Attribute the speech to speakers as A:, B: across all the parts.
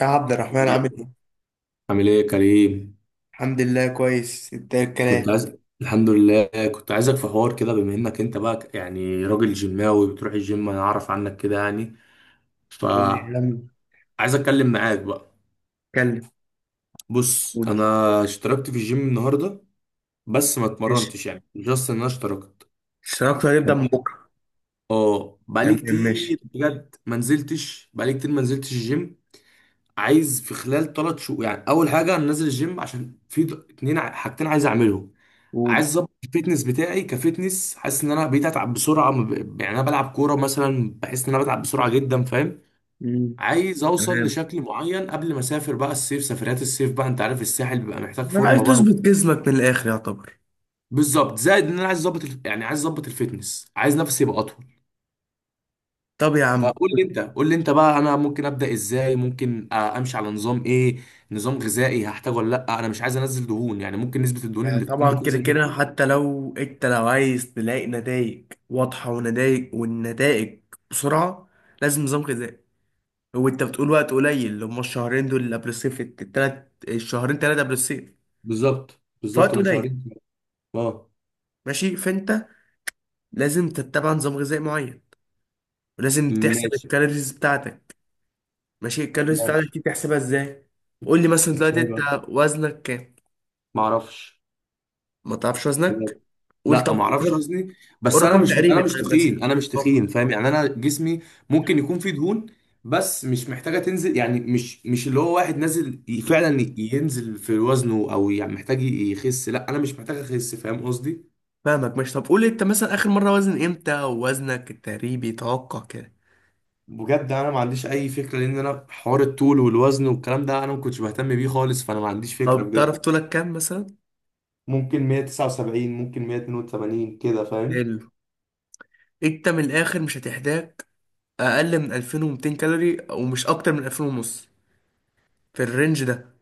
A: يا عبد الرحمن، عامل ايه؟
B: عامل ايه يا كريم؟
A: الحمد لله، كويس. انت ايه
B: كنت
A: الكلام؟
B: عايز، الحمد لله. كنت عايزك في حوار كده، بما انك انت بقى يعني راجل جيماوي بتروح الجيم، انا اعرف عنك كده يعني.
A: قول لي يا
B: فعايز
A: عم.
B: اتكلم معاك بقى.
A: اتكلم.
B: بص انا
A: قول.
B: اشتركت في الجيم النهارده، بس ما
A: ماشي.
B: اتمرنتش يعني جاست ان انا اشتركت.
A: الشراكة هنبدأ من بكرة.
B: اه، بقالي
A: تمام،
B: كتير
A: ماشي.
B: بجد ما نزلتش، بقالي كتير ما نزلتش الجيم. عايز في خلال 3 شهور يعني، اول حاجه انا نازل الجيم عشان في اتنين حاجتين عايز اعملهم.
A: قول.
B: عايز اظبط الفيتنس بتاعي، كفيتنس حاسس ان انا بقيت اتعب بسرعه، ما ب- يعني انا بلعب كوره مثلا، بحس ان انا بتعب بسرعه جدا، فاهم؟
A: مم.
B: عايز اوصل
A: تمام،
B: لشكل معين قبل ما اسافر بقى الصيف، سفريات الصيف بقى انت عارف الساحل بيبقى محتاج
A: انا عايز
B: فورمه بقى.
A: تظبط جسمك من الآخر يعتبر.
B: بالظبط، زائد ان انا عايز اظبط يعني عايز اظبط الفيتنس، عايز نفسي يبقى اطول.
A: طب يا عم،
B: فقول لي انت، قول لي انت بقى انا ممكن ابدا ازاي، ممكن امشي على نظام ايه؟ نظام غذائي هحتاجه ولا لا؟ انا مش عايز انزل دهون يعني، ممكن نسبه الدهون اللي تكون
A: طبعا كده
B: بتنزل
A: كده،
B: مني.
A: حتى لو انت، لو عايز تلاقي نتائج واضحة ونتائج والنتائج بسرعة، لازم نظام غذائي. هو انت بتقول وقت قليل، اللي هما الشهرين دول اللي قبل الصيف، التلات الشهرين، تلاتة قبل الصيف،
B: بالظبط بالظبط،
A: فوقت
B: هم
A: قليل.
B: شهرين. اه.
A: ماشي، فانت لازم تتبع نظام غذائي معين، ولازم تحسب
B: ماشي.
A: الكالوريز بتاعتك. ماشي. الكالوريز بتاعتك
B: ماشي
A: دي تحسبها ازاي؟ قول لي مثلا دلوقتي
B: ازاي
A: انت
B: بقى؟
A: وزنك كام؟
B: ما اعرفش
A: ما تعرفش وزنك؟
B: بجد.
A: قول
B: لا،
A: طب.
B: ما اعرفش
A: قول.
B: وزني. بس انا
A: رقم
B: مش انا
A: تقريبي،
B: مش
A: طيب، مثلا
B: تخين، انا مش
A: اتوقع.
B: تخين، فاهم؟ يعني انا جسمي ممكن يكون فيه دهون، بس مش محتاجه تنزل. يعني مش اللي هو واحد نازل فعلا ينزل في وزنه، او يعني محتاج يخس. لا، انا مش محتاج اخس، فاهم قصدي؟
A: فاهمك، ماشي. طب قول انت مثلا اخر مره وزن امتى، ووزنك التقريبي توقع كده.
B: بجد انا ما عنديش اي فكره، لان انا حوار الطول والوزن والكلام ده انا ما كنتش بهتم بيه خالص، فانا ما عنديش فكره
A: طب تعرف
B: بجد.
A: طولك كام مثلا؟
B: ممكن 179، ممكن 182 كده، فاهم؟
A: حلو. انت من الاخر مش هتحتاج اقل من 2200 كالوري، ومش اكتر من 2000 ونص. في الرينج ده.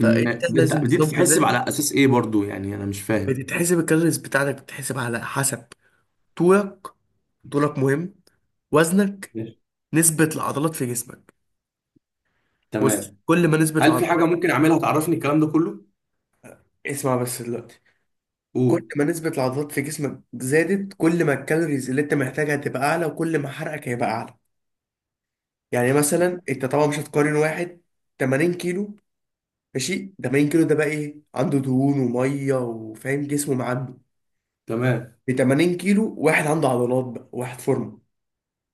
A: فانت
B: ده انت
A: لازم
B: دي
A: نظام
B: بتتحسب
A: غذائي.
B: على اساس ايه برضو؟ يعني انا مش فاهم.
A: بتتحسب الكالوريز بتاعتك، بتتحسب على حسب طولك. طولك مهم، وزنك،
B: ماشي.
A: نسبة العضلات في جسمك. بص،
B: تمام.
A: كل ما نسبة
B: هل في حاجة
A: العضلات...
B: ممكن أعملها تعرفني الكلام ده كله؟
A: اسمع بس دلوقتي. كل
B: قول.
A: ما نسبة العضلات في جسمك زادت، كل ما الكالوريز اللي انت محتاجها تبقى اعلى، وكل ما حرقك هيبقى اعلى. يعني مثلا انت طبعا مش هتقارن واحد 80 كيلو، ماشي، 80 كيلو ده بقى ايه؟ عنده دهون وميه، وفاهم، جسمه معدي.
B: تمام.
A: ب 80 كيلو واحد عنده عضلات بقى، واحد فورمه.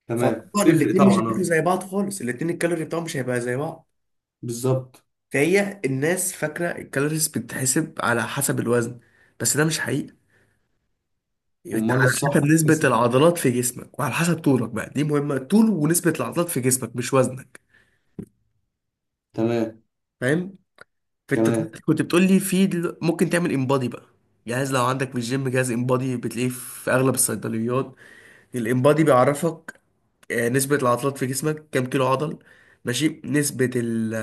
B: تمام،
A: فطبعا
B: تفرق
A: الاتنين مش
B: طبعا،
A: هياكلوا
B: أه.
A: زي بعض خالص، الاتنين الكالوري بتاعهم مش هيبقى زي بعض.
B: بالظبط.
A: فهي الناس فاكرة الكالوريز بتتحسب على حسب الوزن، بس ده مش حقيقي. انت
B: أمال
A: على
B: الصح
A: حسب نسبة
B: بتحسب؟
A: العضلات في جسمك، وعلى حسب طولك بقى، دي مهمة، طول ونسبة العضلات في جسمك، مش وزنك.
B: تمام.
A: فاهم. فانت
B: تمام.
A: طلعت كنت بتقول لي في ممكن تعمل انبادي بقى. جهاز، لو عندك في الجيم جهاز انبادي، بتلاقيه في اغلب الصيدليات. الانبادي بيعرفك نسبة العضلات في جسمك، كام كيلو عضل، ماشي، نسبة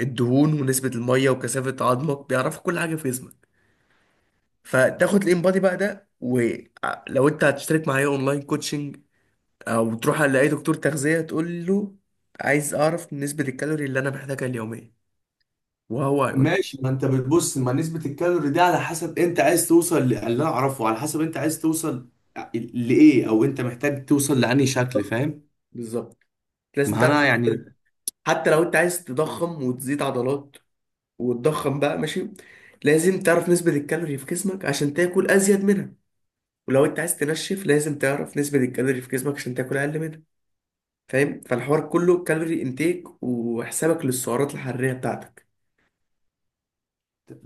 A: الدهون، ونسبة المية، وكثافة عظمك، بيعرفوا كل حاجة في جسمك. فتاخد الانبادي بقى ده، ولو انت هتشترك معايا اونلاين كوتشنج، او تروح على اي دكتور تغذية تقول له عايز اعرف نسبة الكالوري اللي انا محتاجها اليومية، وهو هيقول لك.
B: ماشي، ما أنت بتبص ما نسبة الكالوري دي على حسب أنت عايز توصل اللي أنا أعرفه، على حسب أنت عايز توصل لإيه أو أنت محتاج توصل لأنهي شكل، فاهم؟
A: بالظبط، لازم
B: ما
A: تعرف
B: أنا يعني.
A: الكالوري. حتى لو انت عايز تضخم وتزيد عضلات وتضخم بقى، ماشي، لازم تعرف نسبة الكالوري في جسمك عشان تاكل ازيد منها. ولو انت عايز تنشف، لازم تعرف نسبة الكالوري في جسمك عشان تاكل اقل منها. فاهم. فالحوار كله كالوري انتيك، وحسابك للسعرات الحراريه بتاعتك.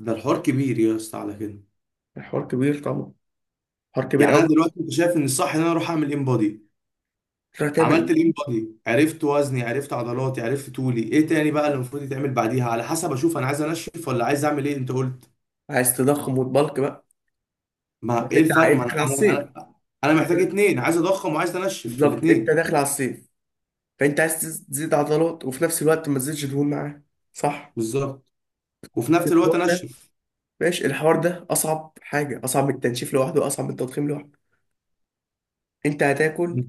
B: ده الحوار كبير يا اسطى على كده.
A: الحوار كبير طبعا، حوار كبير
B: يعني أنا
A: قوي.
B: دلوقتي أنت شايف إن الصح إن أنا أروح أعمل إن
A: تروح تعمل
B: عملت لين
A: ايه؟
B: بادي، عرفت وزني، عرفت عضلاتي، عرفت طولي، ايه تاني بقى اللي المفروض يتعمل بعديها على حسب اشوف انا عايز انشف ولا عايز اعمل ايه، انت قلت.
A: عايز تضخم وتبلك بقى؟
B: ما
A: بس
B: ايه
A: انت
B: الفرق
A: عايز
B: ما انا.
A: داخل على الصيف.
B: انا انا انا محتاج
A: انت-
B: اتنين، عايز اضخم وعايز انشف في
A: بالظبط، انت
B: الاتنين.
A: داخل على الصيف، فانت عايز تزيد عضلات، وفي نفس الوقت ما تزيدش دهون معاه. صح.
B: بالظبط. وفي نفس الوقت
A: الحوار ده،
B: انشف.
A: ماشي، الحوار ده اصعب حاجه، اصعب من التنشيف لوحده، واصعب من التضخيم لوحده. انت هتاكل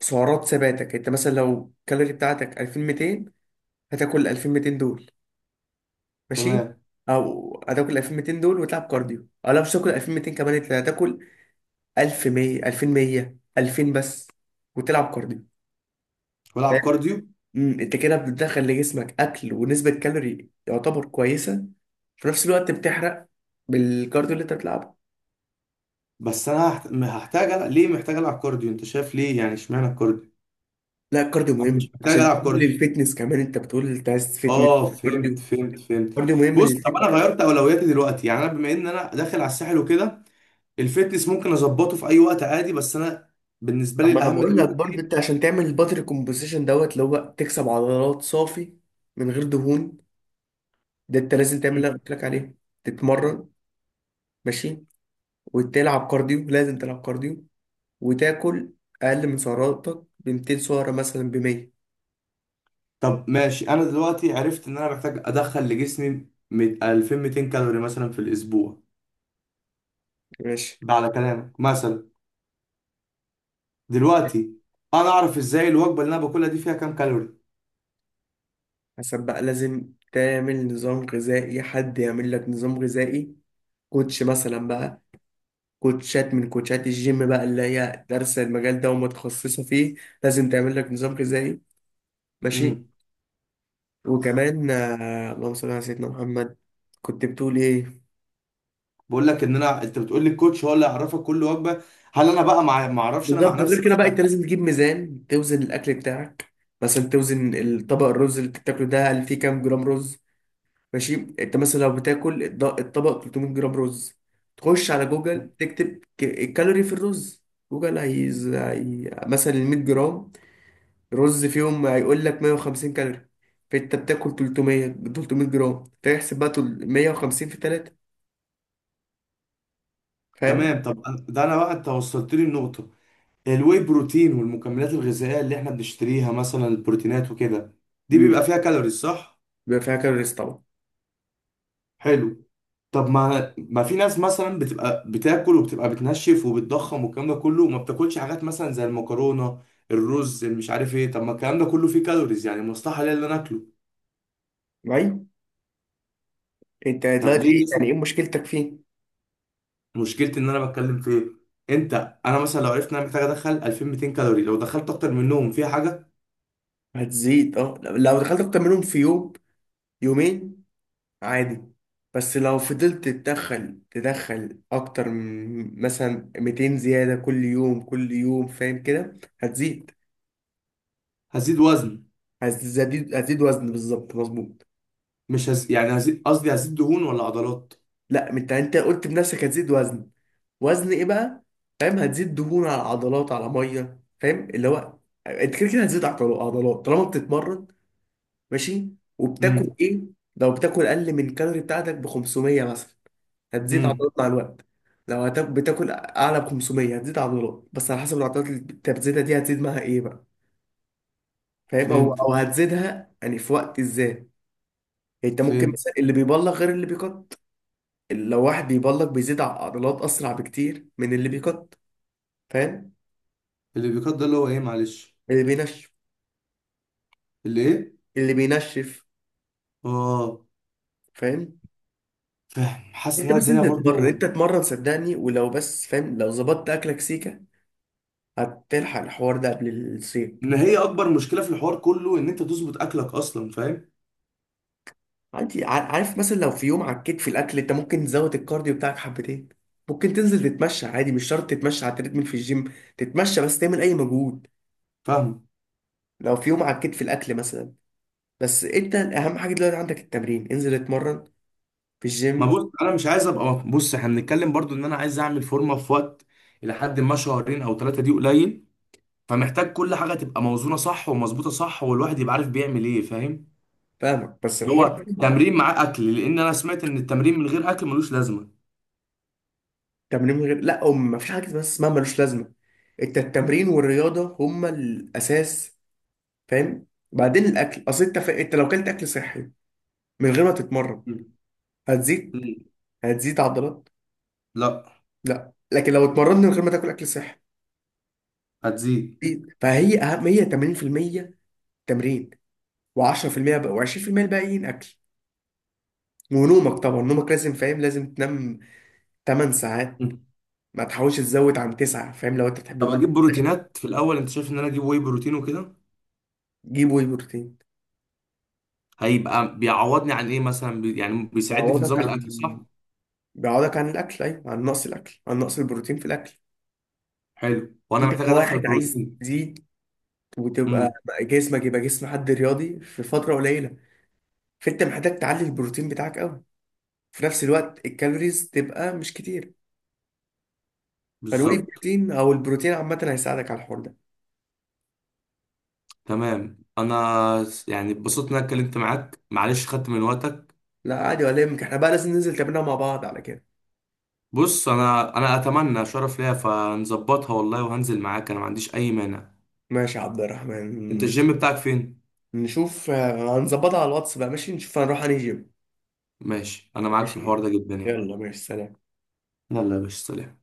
A: سعرات ثباتك. انت مثلا لو الكالوري بتاعتك 2200، هتاكل 2200 دول، ماشي.
B: تمام.
A: او هتاكل 2200 دول وتلعب كارديو، او لا، مش تاكل 2200 كمان، انت هتاكل 1100، 2100، 2000 بس، وتلعب كارديو. فاهم؟
B: والعب كارديو.
A: انت كده بتدخل لجسمك اكل ونسبة كالوري يعتبر كويسة، في نفس الوقت بتحرق بالكارديو اللي انت بتلعبه.
B: بس انا هحتاج ألعب. ليه محتاج العب كارديو؟ انت شايف ليه يعني اشمعنى الكارديو؟
A: لا، الكارديو
B: انا
A: مهم
B: مش محتاج
A: عشان
B: العب
A: تقول
B: كارديو.
A: للفتنس كمان، انت بتقول انت عايز فتنس.
B: اه، فهمت
A: كارديو،
B: فهمت فهمت.
A: كارديو مهم
B: بص طب
A: للفتنس.
B: انا غيرت اولوياتي دلوقتي يعني، انا بما ان انا داخل على الساحل وكده الفتنس ممكن اظبطه في اي وقت عادي، بس انا بالنسبه
A: طب
B: لي
A: ما انا
B: الاهم
A: بقول لك برضه،
B: دلوقتي.
A: انت عشان تعمل الباتري كومبوزيشن دوت، اللي هو تكسب عضلات صافي من غير دهون، ده انت لازم تعمل
B: مم.
A: اللي انا قلت لك عليه. تتمرن، ماشي، وتلعب كارديو، لازم تلعب كارديو، وتاكل اقل من سعراتك ب 200 سعره، مثلا ب 100.
B: طب ماشي، انا دلوقتي عرفت ان انا محتاج ادخل لجسمي 2200 كالوري مثلا في الاسبوع،
A: ماشي.
B: ده على كلامك مثلا. دلوقتي انا اعرف ازاي الوجبه اللي انا باكلها دي فيها كام كالوري؟
A: حسب بقى، لازم تعمل نظام غذائي، حد يعمل لك نظام غذائي، كوتش مثلا بقى، كوتشات من كوتشات الجيم بقى اللي هي دارسه المجال ده ومتخصصه فيه، لازم تعمل لك نظام غذائي. ماشي.
B: امم.
A: وكمان اللهم صل على سيدنا محمد. كنت بتقول ايه؟
B: بقول لك ان انت بتقول لي الكوتش هو اللي يعرفك كل وجبه. هل انا بقى مع ما اعرفش انا مع
A: بالظبط،
B: نفسي
A: غير كده بقى،
B: مثلا؟
A: انت لازم تجيب ميزان توزن الاكل بتاعك. مثلا توزن الطبق، الرز اللي بتاكله ده، هل فيه كام جرام رز. ماشي. انت مثلا لو بتاكل الطبق 300 جرام رز، تخش على جوجل تكتب الكالوري في الرز. جوجل مثلا ال 100 جرام رز فيهم، هيقول لك 150 كالوري، فانت بتاكل 300 جرام، فيحسب بقى، 150 في 3. فاهم.
B: تمام. طب ده انا بقى انت وصلت لي النقطه. الواي بروتين والمكملات الغذائية اللي احنا بنشتريها مثلا، البروتينات وكده، دي
A: امم
B: بيبقى فيها كالوريز صح؟
A: بيبقى فيها كالوريز طبعا.
B: حلو. طب ما في ناس مثلا بتبقى بتاكل وبتبقى بتنشف وبتضخم والكلام ده كله، وما بتاكلش حاجات مثلا زي المكرونة، الرز، المش عارف ايه. طب ما الكلام ده كله فيه كالوريز، يعني مستحيل ليا ان انا اكله.
A: معايا. انت
B: طب ليه
A: دلوقتي
B: الناس؟
A: يعني ايه مشكلتك فيه؟
B: مشكلتي ان انا بتكلم في ايه؟ انت. انا مثلا لو عرفت ان انا محتاج ادخل 2200 كالوري، لو دخلت اكتر منهم فيها حاجة؟
A: هتزيد، اه، لو دخلت اكتر منهم في يوم، يومين، عادي. بس لو فضلت تدخل اكتر من مثلا 200 زيادة كل يوم كل يوم، فاهم كده، هتزيد
B: هزيد وزن.
A: هتزيد هتزيد وزن، بالظبط، مظبوط.
B: مش هز... يعني هزيد، قصدي هزيد دهون ولا عضلات؟
A: لا، انت قلت بنفسك هتزيد وزن. وزن ايه بقى؟ فاهم. هتزيد دهون على عضلات على مية، فاهم، اللي هو انت كده كده هتزيد عضلات طالما بتتمرن، ماشي، وبتاكل ايه. لو بتاكل اقل من الكالوري بتاعتك ب 500 مثلا، هتزيد
B: امم.
A: عضلات مع الوقت. لو بتاكل اعلى ب 500، هتزيد عضلات، بس على حسب العضلات اللي انت بتزيدها دي هتزيد معاها ايه بقى، فاهم، او
B: فهمت
A: او هتزيدها يعني في وقت ازاي. انت ممكن
B: فهمت.
A: مثلا اللي بيبلغ غير اللي بيقط. لو واحد بيبلغ بيزيد عضلات اسرع بكتير من اللي بيقط. فاهم.
B: اللي بيقدر ده اللي هو ايه، معلش؟
A: اللي بينشف.
B: اللي ايه؟
A: اللي بينشف.
B: اه.
A: فاهم.
B: فاهم حاسس ان
A: انت
B: أنا
A: بس،
B: الدنيا
A: انت تتمرن،
B: برضو.
A: انت تتمرن صدقني، ولو بس، فاهم، لو ظبطت اكلك سيكه، هتلحق الحوار ده قبل الصيف.
B: ان هي اكبر مشكله في الحوار كله ان انت تظبط اكلك اصلا، فاهم.
A: انت عارف مثلا لو في يوم عكيت في الاكل، انت ممكن تزود الكارديو بتاعك حبتين، ممكن تنزل تتمشى عادي، مش شرط تتمشى على التريدميل في الجيم، تتمشى بس، تعمل اي مجهود.
B: فاهم.
A: لو في يوم عكيت في الاكل مثلا. بس انت اهم حاجه دلوقتي عندك التمرين، انزل اتمرن في
B: ما
A: الجيم.
B: بص، انا مش عايز ابقى، بص احنا بنتكلم برضو ان انا عايز اعمل فورمه في وقت، الى حد ما شهرين او ثلاثه دي قليل، فمحتاج كل حاجه تبقى موزونه صح ومظبوطه صح، والواحد يبقى عارف بيعمل ايه، فاهم.
A: فاهمك. بس
B: اللي
A: الحوار
B: هو
A: ده
B: تمرين مع اكل، لان انا سمعت ان التمرين من غير اكل ملوش لازمه.
A: تمرين من غير لا أم، ما فيش حاجه بس اسمها ملوش لازمه. انت التمرين والرياضه هما الاساس، فاهم. بعدين الاكل، اصل انت انت لو كلت اكل صحي من غير ما تتمرن،
B: م.
A: هتزيد،
B: م.
A: هتزيد عضلات.
B: لا.
A: لا، لكن لو اتمرنت من غير ما تاكل اكل صحي،
B: هتزيد.
A: فهي اهم، هي 80% تمرين، و10% بقى، و20% الباقيين اكل. ونومك طبعا، نومك لازم، فاهم، لازم تنام 8 ساعات. ما تحاولش تزود عن 9، فاهم، لو انت بتحب
B: طب
A: النوم.
B: اجيب بروتينات في الاول؟ انت شايف ان انا اجيب واي بروتين وكده؟
A: جيب واي بروتين.
B: هيبقى بيعوضني عن ايه مثلا، يعني بيساعدني في
A: بيعوضك
B: نظام
A: عن،
B: الاكل، صح؟
A: بيعوضك عن الاكل، ايوه، عن نقص الاكل، عن نقص البروتين في الاكل.
B: حلو. وانا
A: انت
B: محتاج ادخل
A: كواحد عايز
B: بروتين.
A: تزيد، وتبقى
B: امم.
A: جسمك يبقى جسم حد رياضي في فتره قليله، فانت محتاج تعلي البروتين بتاعك قوي، في نفس الوقت الكالوريز تبقى مش كتير. فالواي
B: بالظبط.
A: بروتين او البروتين عامه هيساعدك على الحوار ده.
B: تمام، انا يعني اتبسطت ان انا اتكلمت معاك، معلش خدت من وقتك.
A: لا عادي، ولا يهمك، احنا بقى لازم ننزل تمرينها مع بعض على كده.
B: بص انا اتمنى شرف ليا، فنظبطها والله وهنزل معاك، انا ما عنديش اي مانع.
A: ماشي يا عبد
B: انت
A: الرحمن.
B: الجيم بتاعك فين؟
A: نشوف هنظبطها على الواتس بقى. ماشي، نشوف هنروح انهي جيم.
B: ماشي. انا معاك في
A: ماشي،
B: الحوار ده جدا يعني.
A: يلا، ماشي، سلام.
B: يلا يا باشا، سلام.